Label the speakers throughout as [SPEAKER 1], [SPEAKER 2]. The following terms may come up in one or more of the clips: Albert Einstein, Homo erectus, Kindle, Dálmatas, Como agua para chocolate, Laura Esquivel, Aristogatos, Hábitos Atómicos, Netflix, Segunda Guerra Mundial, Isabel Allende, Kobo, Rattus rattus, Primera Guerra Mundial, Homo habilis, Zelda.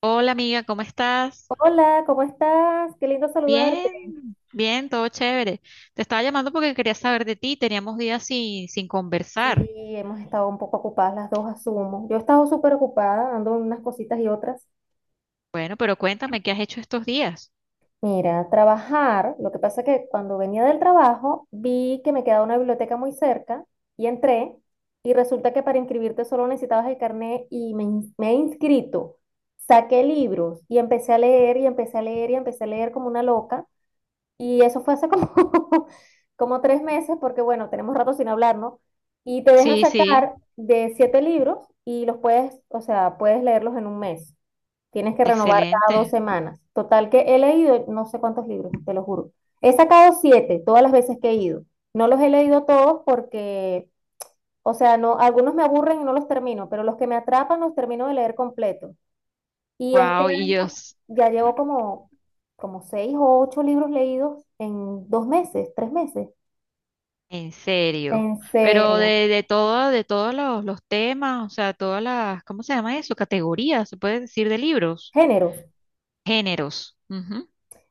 [SPEAKER 1] Hola amiga, ¿cómo estás?
[SPEAKER 2] Hola, ¿cómo estás? Qué lindo saludarte.
[SPEAKER 1] Bien, bien, todo chévere. Te estaba llamando porque quería saber de ti. Teníamos días sin
[SPEAKER 2] Sí,
[SPEAKER 1] conversar.
[SPEAKER 2] hemos estado un poco ocupadas las dos, asumo. Yo he estado súper ocupada, dando unas cositas y otras.
[SPEAKER 1] Bueno, pero cuéntame, ¿qué has hecho estos días?
[SPEAKER 2] Mira, trabajar, lo que pasa es que cuando venía del trabajo vi que me quedaba una biblioteca muy cerca y entré y resulta que para inscribirte solo necesitabas el carnet y me he inscrito. Saqué libros y empecé a leer y empecé a leer y empecé a leer como una loca. Y eso fue hace como, como 3 meses, porque bueno, tenemos rato sin hablar, ¿no? Y te dejan
[SPEAKER 1] Sí, sí,
[SPEAKER 2] sacar de siete libros y los puedes, o sea, puedes leerlos en un mes. Tienes que renovar cada dos
[SPEAKER 1] excelente.
[SPEAKER 2] semanas. Total que he leído no sé cuántos libros, te lo juro. He sacado siete todas las veces que he ido. No los he leído todos porque, o sea, no, algunos me aburren y no los termino, pero los que me atrapan los termino de leer completo. Y este
[SPEAKER 1] Wow, y yo,
[SPEAKER 2] año ya llevo como, como seis o ocho libros leídos en 2 meses, 3 meses.
[SPEAKER 1] en serio.
[SPEAKER 2] En
[SPEAKER 1] Pero
[SPEAKER 2] serio.
[SPEAKER 1] de todo, de todos los temas, o sea, todas las, ¿cómo se llama eso? Categorías, se puede decir de libros,
[SPEAKER 2] Géneros.
[SPEAKER 1] géneros. Ujú.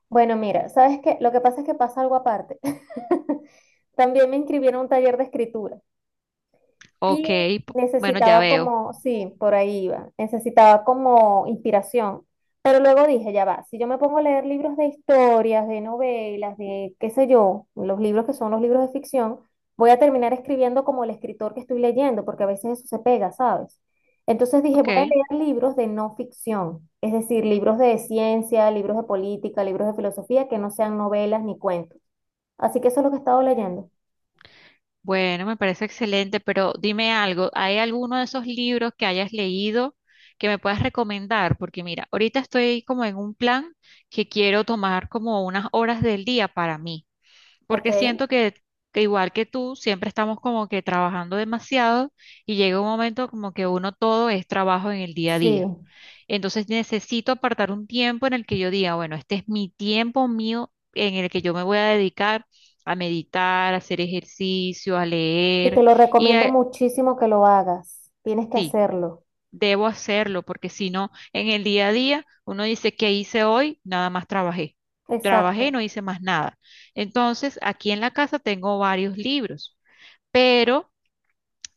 [SPEAKER 2] Bueno, mira, ¿sabes qué? Lo que pasa es que pasa algo aparte. También me inscribieron a un taller de escritura.
[SPEAKER 1] Ok,
[SPEAKER 2] Y
[SPEAKER 1] bueno, ya
[SPEAKER 2] necesitaba
[SPEAKER 1] veo.
[SPEAKER 2] como, sí, por ahí iba, necesitaba como inspiración. Pero luego dije, ya va, si yo me pongo a leer libros de historias, de novelas, de qué sé yo, los libros que son los libros de ficción, voy a terminar escribiendo como el escritor que estoy leyendo, porque a veces eso se pega, ¿sabes? Entonces dije,
[SPEAKER 1] Ok,
[SPEAKER 2] voy a leer libros de no ficción, es decir, libros de ciencia, libros de política, libros de filosofía que no sean novelas ni cuentos. Así que eso es lo que he estado
[SPEAKER 1] ok.
[SPEAKER 2] leyendo.
[SPEAKER 1] Bueno, me parece excelente, pero dime algo, ¿hay alguno de esos libros que hayas leído que me puedas recomendar? Porque mira, ahorita estoy como en un plan que quiero tomar como unas horas del día para mí,
[SPEAKER 2] Ok.
[SPEAKER 1] porque siento que igual que tú, siempre estamos como que trabajando demasiado y llega un momento como que uno todo es trabajo en el día a
[SPEAKER 2] Sí.
[SPEAKER 1] día. Entonces necesito apartar un tiempo en el que yo diga, bueno, este es mi tiempo mío en el que yo me voy a dedicar a meditar, a hacer ejercicio, a
[SPEAKER 2] Y te
[SPEAKER 1] leer
[SPEAKER 2] lo
[SPEAKER 1] y
[SPEAKER 2] recomiendo
[SPEAKER 1] a-
[SPEAKER 2] muchísimo que lo hagas. Tienes que
[SPEAKER 1] sí,
[SPEAKER 2] hacerlo.
[SPEAKER 1] debo hacerlo porque si no, en el día a día uno dice, ¿qué hice hoy? Nada más trabajé. Trabajé,
[SPEAKER 2] Exacto.
[SPEAKER 1] no hice más nada. Entonces, aquí en la casa tengo varios libros, pero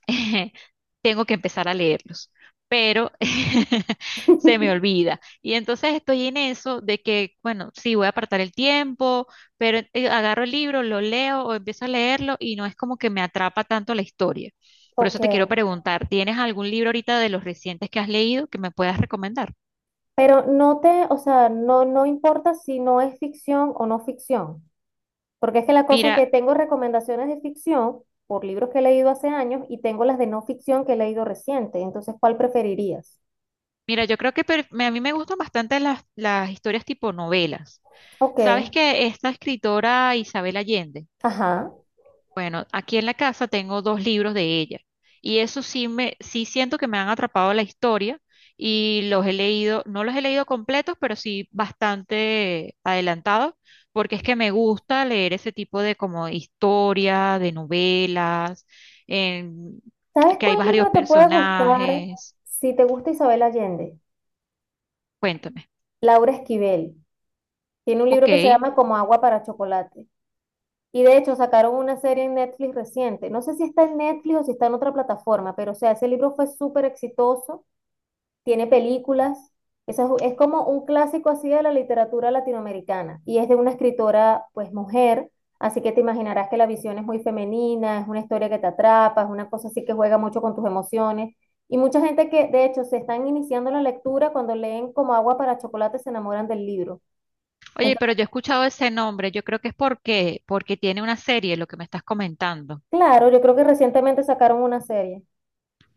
[SPEAKER 1] tengo que empezar a leerlos, pero se me olvida. Y entonces estoy en eso de que, bueno, sí, voy a apartar el tiempo, pero agarro el libro, lo leo o empiezo a leerlo y no es como que me atrapa tanto la historia. Por
[SPEAKER 2] Ok.
[SPEAKER 1] eso te quiero preguntar, ¿tienes algún libro ahorita de los recientes que has leído que me puedas recomendar?
[SPEAKER 2] Pero no te, o sea, no, no importa si no es ficción o no ficción. Porque es que la cosa es
[SPEAKER 1] Mira,
[SPEAKER 2] que tengo recomendaciones de ficción por libros que he leído hace años y tengo las de no ficción que he leído reciente. Entonces, ¿cuál preferirías?
[SPEAKER 1] mira, yo creo que a mí me gustan bastante las historias tipo novelas.
[SPEAKER 2] Ok.
[SPEAKER 1] ¿Sabes que esta escritora Isabel Allende?
[SPEAKER 2] Ajá.
[SPEAKER 1] Bueno, aquí en la casa tengo dos libros de ella y eso sí me, sí siento que me han atrapado la historia y los he leído, no los he leído completos, pero sí bastante adelantados, porque es que me gusta leer ese tipo de como historia, de novelas, en-
[SPEAKER 2] ¿Sabes
[SPEAKER 1] que hay
[SPEAKER 2] cuál
[SPEAKER 1] varios
[SPEAKER 2] libro te puede gustar
[SPEAKER 1] personajes.
[SPEAKER 2] si te gusta Isabel Allende?
[SPEAKER 1] Cuéntame.
[SPEAKER 2] Laura Esquivel. Tiene un
[SPEAKER 1] Ok.
[SPEAKER 2] libro que se llama Como agua para chocolate. Y de hecho sacaron una serie en Netflix reciente. No sé si está en Netflix o si está en otra plataforma, pero o sea, ese libro fue súper exitoso, tiene películas. Esa es como un clásico así de la literatura latinoamericana y es de una escritora, pues mujer, así que te imaginarás que la visión es muy femenina, es una historia que te atrapa, es una cosa así que juega mucho con tus emociones. Y mucha gente que de hecho se están iniciando la lectura cuando leen como agua para chocolate se enamoran del libro.
[SPEAKER 1] Oye,
[SPEAKER 2] Entonces,
[SPEAKER 1] pero yo he escuchado ese nombre, yo creo que es porque tiene una serie, lo que me estás comentando.
[SPEAKER 2] claro, yo creo que recientemente sacaron una serie.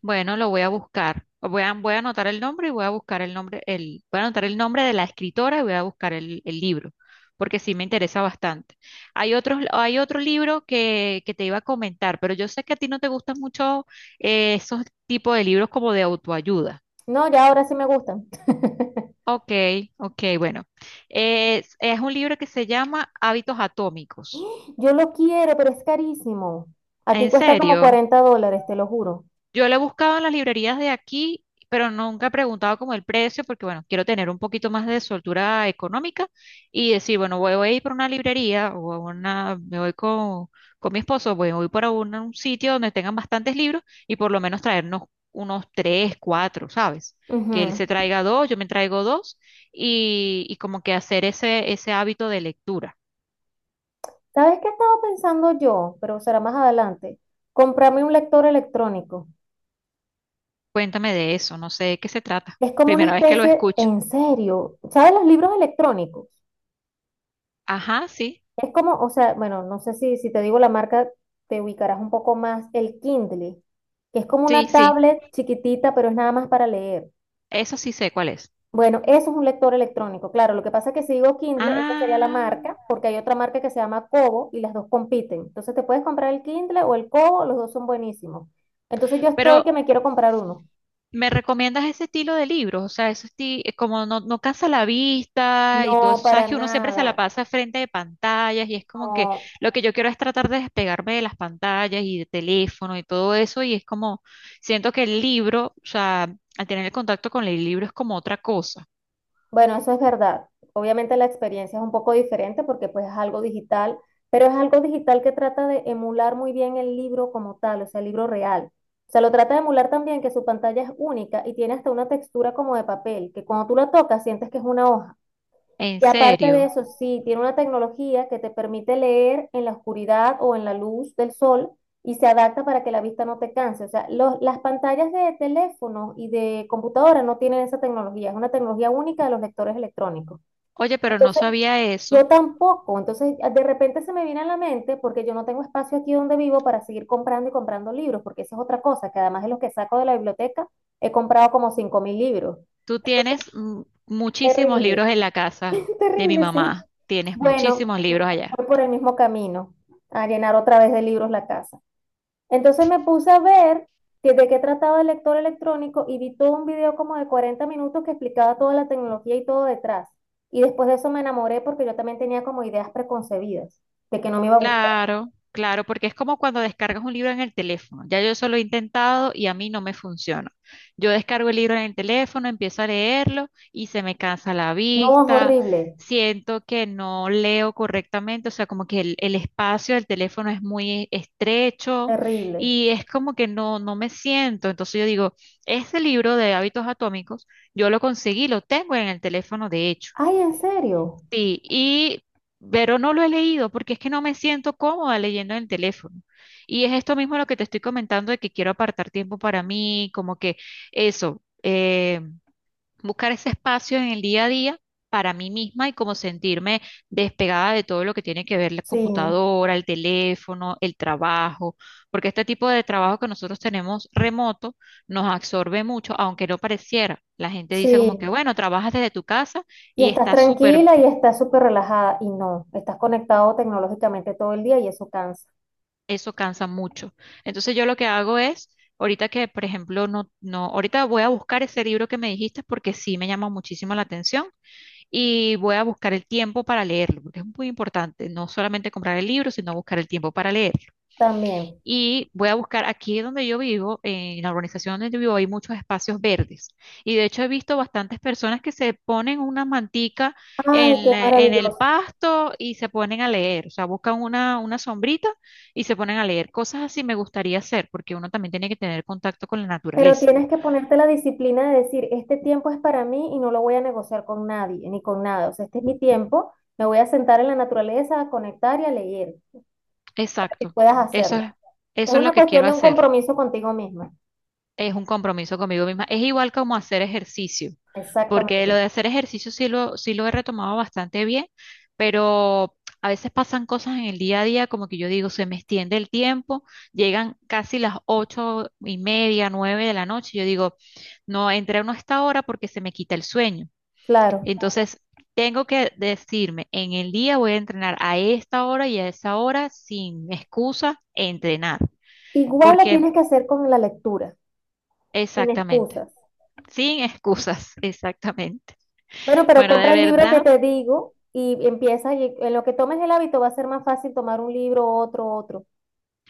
[SPEAKER 1] Bueno, lo voy a buscar. Voy a anotar el nombre y voy a buscar el nombre, el, voy a anotar el nombre de la escritora y voy a buscar el libro, porque sí me interesa bastante. Hay otros, hay otro libro que te iba a comentar, pero yo sé que a ti no te gustan mucho esos tipos de libros como de autoayuda.
[SPEAKER 2] No, ya ahora sí me gustan.
[SPEAKER 1] Ok, ok, bueno. Es un libro que se llama Hábitos Atómicos.
[SPEAKER 2] Yo lo quiero, pero es carísimo. Aquí
[SPEAKER 1] ¿En
[SPEAKER 2] cuesta como
[SPEAKER 1] serio?
[SPEAKER 2] 40 dólares, te lo juro.
[SPEAKER 1] Yo la he buscado en las librerías de aquí, pero nunca he preguntado como el precio, porque bueno, quiero tener un poquito más de soltura económica y decir, bueno, voy a ir por una librería o a una, me voy con mi esposo, voy por un sitio donde tengan bastantes libros y por lo menos traernos unos tres, cuatro, ¿sabes? Que él
[SPEAKER 2] Ujú.
[SPEAKER 1] se traiga dos, yo me traigo dos y como que hacer ese, ese hábito de lectura.
[SPEAKER 2] ¿Sabes qué estaba pensando yo? Pero será más adelante. Comprarme un lector electrónico.
[SPEAKER 1] Cuéntame de eso, no sé de qué se trata.
[SPEAKER 2] Es como una
[SPEAKER 1] Primera vez que lo
[SPEAKER 2] especie,
[SPEAKER 1] escucho.
[SPEAKER 2] en serio, ¿sabes los libros electrónicos?
[SPEAKER 1] Ajá, sí,
[SPEAKER 2] Es como, o sea, bueno, no sé si te digo la marca, te ubicarás un poco más. El Kindle, que es como
[SPEAKER 1] sí,
[SPEAKER 2] una
[SPEAKER 1] sí,
[SPEAKER 2] tablet chiquitita, pero es nada más para leer.
[SPEAKER 1] eso sí sé cuál es.
[SPEAKER 2] Bueno, eso es un lector electrónico. Claro, lo que pasa es que si digo Kindle, esa sería la marca,
[SPEAKER 1] Ah,
[SPEAKER 2] porque hay otra marca que se llama Kobo y las dos compiten. Entonces te puedes comprar el Kindle o el Kobo, los dos son buenísimos. Entonces yo estoy que
[SPEAKER 1] pero
[SPEAKER 2] me quiero comprar uno.
[SPEAKER 1] ¿me recomiendas ese estilo de libros? O sea, eso es como no, no cansa la vista y todo
[SPEAKER 2] No,
[SPEAKER 1] eso.
[SPEAKER 2] para
[SPEAKER 1] Sabes que uno siempre se la
[SPEAKER 2] nada.
[SPEAKER 1] pasa frente de pantallas y es como que
[SPEAKER 2] No.
[SPEAKER 1] lo que yo quiero es tratar de despegarme de las pantallas y de teléfono y todo eso. Y es como, siento que el libro, o sea, al tener el contacto con el libro es como otra cosa.
[SPEAKER 2] Bueno, eso es verdad. Obviamente la experiencia es un poco diferente porque pues es algo digital, pero es algo digital que trata de emular muy bien el libro como tal, o sea, el libro real. O sea, lo trata de emular también que su pantalla es única y tiene hasta una textura como de papel, que cuando tú la tocas sientes que es una hoja.
[SPEAKER 1] En
[SPEAKER 2] Y aparte de
[SPEAKER 1] serio.
[SPEAKER 2] eso, sí, tiene una tecnología que te permite leer en la oscuridad o en la luz del sol y se adapta para que la vista no te canse. O sea, las pantallas de teléfono y de computadora no tienen esa tecnología, es una tecnología única de los lectores electrónicos.
[SPEAKER 1] Oye, pero no
[SPEAKER 2] Entonces,
[SPEAKER 1] sabía eso.
[SPEAKER 2] yo tampoco. Entonces, de repente se me viene a la mente porque yo no tengo espacio aquí donde vivo para seguir comprando y comprando libros, porque esa es otra cosa, que además de los que saco de la biblioteca, he comprado como 5.000 libros.
[SPEAKER 1] Tú
[SPEAKER 2] Entonces,
[SPEAKER 1] tienes muchísimos
[SPEAKER 2] terrible,
[SPEAKER 1] libros en la casa de mi
[SPEAKER 2] terrible, sí.
[SPEAKER 1] mamá. Tienes
[SPEAKER 2] Bueno,
[SPEAKER 1] muchísimos
[SPEAKER 2] voy
[SPEAKER 1] libros allá.
[SPEAKER 2] por el mismo camino, a llenar otra vez de libros la casa. Entonces me puse a ver de qué trataba el lector electrónico y vi todo un video como de 40 minutos que explicaba toda la tecnología y todo detrás. Y después de eso me enamoré porque yo también tenía como ideas preconcebidas de que no me iba a gustar.
[SPEAKER 1] Claro, claro, porque es como cuando descargas un libro en el teléfono. Ya yo eso lo he intentado y a mí no me funciona. Yo descargo el libro en el teléfono, empiezo a leerlo y se me cansa la
[SPEAKER 2] No, es
[SPEAKER 1] vista,
[SPEAKER 2] horrible,
[SPEAKER 1] siento que no leo correctamente, o sea, como que el espacio del teléfono es muy estrecho
[SPEAKER 2] terrible.
[SPEAKER 1] y es como que no, no me siento. Entonces yo digo, este libro de hábitos atómicos, yo lo conseguí, lo tengo en el teléfono de hecho.
[SPEAKER 2] Ay, ¿en serio?
[SPEAKER 1] Sí, y, pero no lo he leído porque es que no me siento cómoda leyendo en el teléfono. Y es esto mismo lo que te estoy comentando de que quiero apartar tiempo para mí, como que eso, buscar ese espacio en el día a día para mí misma y como sentirme despegada de todo lo que tiene que ver la
[SPEAKER 2] Sí,
[SPEAKER 1] computadora, el teléfono, el trabajo, porque este tipo de trabajo que nosotros tenemos remoto nos absorbe mucho, aunque no pareciera. La gente dice como que,
[SPEAKER 2] sí.
[SPEAKER 1] bueno, trabajas desde tu casa
[SPEAKER 2] Y
[SPEAKER 1] y
[SPEAKER 2] estás
[SPEAKER 1] está súper.
[SPEAKER 2] tranquila y estás súper relajada y no, estás conectado tecnológicamente todo el día y eso cansa
[SPEAKER 1] Eso cansa mucho. Entonces yo lo que hago es, ahorita que, por ejemplo, no, no, ahorita voy a buscar ese libro que me dijiste porque sí me llama muchísimo la atención y voy a buscar el tiempo para leerlo, porque es muy importante, no solamente comprar el libro, sino buscar el tiempo para leer.
[SPEAKER 2] también.
[SPEAKER 1] Y voy a buscar aquí donde yo vivo, en la urbanización donde yo vivo, hay muchos espacios verdes. Y de hecho he visto bastantes personas que se ponen una mantica
[SPEAKER 2] Ay,
[SPEAKER 1] en,
[SPEAKER 2] qué
[SPEAKER 1] en el
[SPEAKER 2] maravilloso.
[SPEAKER 1] pasto y se ponen a leer. O sea, buscan una sombrita y se ponen a leer. Cosas así me gustaría hacer, porque uno también tiene que tener contacto con la
[SPEAKER 2] Pero
[SPEAKER 1] naturaleza.
[SPEAKER 2] tienes que ponerte la disciplina de decir, este tiempo es para mí y no lo voy a negociar con nadie, ni con nada. O sea, este es mi tiempo, me voy a sentar en la naturaleza, a conectar y a leer, para que
[SPEAKER 1] Exacto.
[SPEAKER 2] puedas
[SPEAKER 1] Eso
[SPEAKER 2] hacerlo.
[SPEAKER 1] es,
[SPEAKER 2] Es
[SPEAKER 1] eso es lo
[SPEAKER 2] una
[SPEAKER 1] que quiero
[SPEAKER 2] cuestión de un
[SPEAKER 1] hacer.
[SPEAKER 2] compromiso contigo misma.
[SPEAKER 1] Es un compromiso conmigo misma. Es igual como hacer ejercicio, porque lo
[SPEAKER 2] Exactamente.
[SPEAKER 1] de hacer ejercicio sí lo he retomado bastante bien, pero a veces pasan cosas en el día a día, como que yo digo, se me extiende el tiempo, llegan casi las 8:30, 9:00 de la noche, y yo digo, no entreno a esta hora porque se me quita el sueño.
[SPEAKER 2] Claro.
[SPEAKER 1] Entonces... Tengo que decirme, en el día voy a entrenar a esta hora y a esa hora sin excusa, entrenar,
[SPEAKER 2] Igual lo
[SPEAKER 1] porque
[SPEAKER 2] tienes que hacer con la lectura, sin
[SPEAKER 1] exactamente.
[SPEAKER 2] excusas.
[SPEAKER 1] Sin excusas, exactamente.
[SPEAKER 2] Bueno, pero
[SPEAKER 1] Bueno, de
[SPEAKER 2] compra el libro que
[SPEAKER 1] verdad,
[SPEAKER 2] te digo y empieza, y en lo que tomes el hábito va a ser más fácil tomar un libro, otro, otro.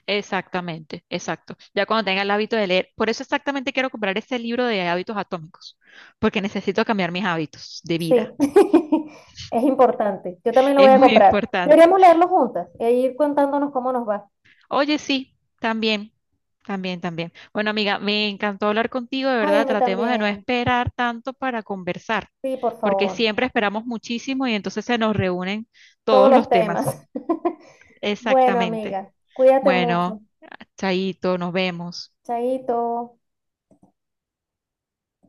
[SPEAKER 1] exactamente, exacto. Ya cuando tenga el hábito de leer, por eso exactamente quiero comprar ese libro de hábitos atómicos, porque necesito cambiar mis hábitos de
[SPEAKER 2] Sí,
[SPEAKER 1] vida.
[SPEAKER 2] es importante. Yo también lo voy
[SPEAKER 1] Es
[SPEAKER 2] a
[SPEAKER 1] muy
[SPEAKER 2] comprar.
[SPEAKER 1] importante.
[SPEAKER 2] Deberíamos leerlo juntas e ir contándonos cómo nos va.
[SPEAKER 1] Oye, sí, también, también, también. Bueno, amiga, me encantó hablar contigo, de
[SPEAKER 2] Ay, a
[SPEAKER 1] verdad.
[SPEAKER 2] mí
[SPEAKER 1] Tratemos de no
[SPEAKER 2] también.
[SPEAKER 1] esperar tanto para conversar,
[SPEAKER 2] Sí, por
[SPEAKER 1] porque
[SPEAKER 2] favor.
[SPEAKER 1] siempre esperamos muchísimo y entonces se nos reúnen
[SPEAKER 2] Todos
[SPEAKER 1] todos
[SPEAKER 2] los
[SPEAKER 1] los
[SPEAKER 2] temas.
[SPEAKER 1] temas.
[SPEAKER 2] Bueno,
[SPEAKER 1] Exactamente.
[SPEAKER 2] amiga, cuídate
[SPEAKER 1] Bueno,
[SPEAKER 2] mucho.
[SPEAKER 1] chaito, nos vemos.
[SPEAKER 2] Chaito.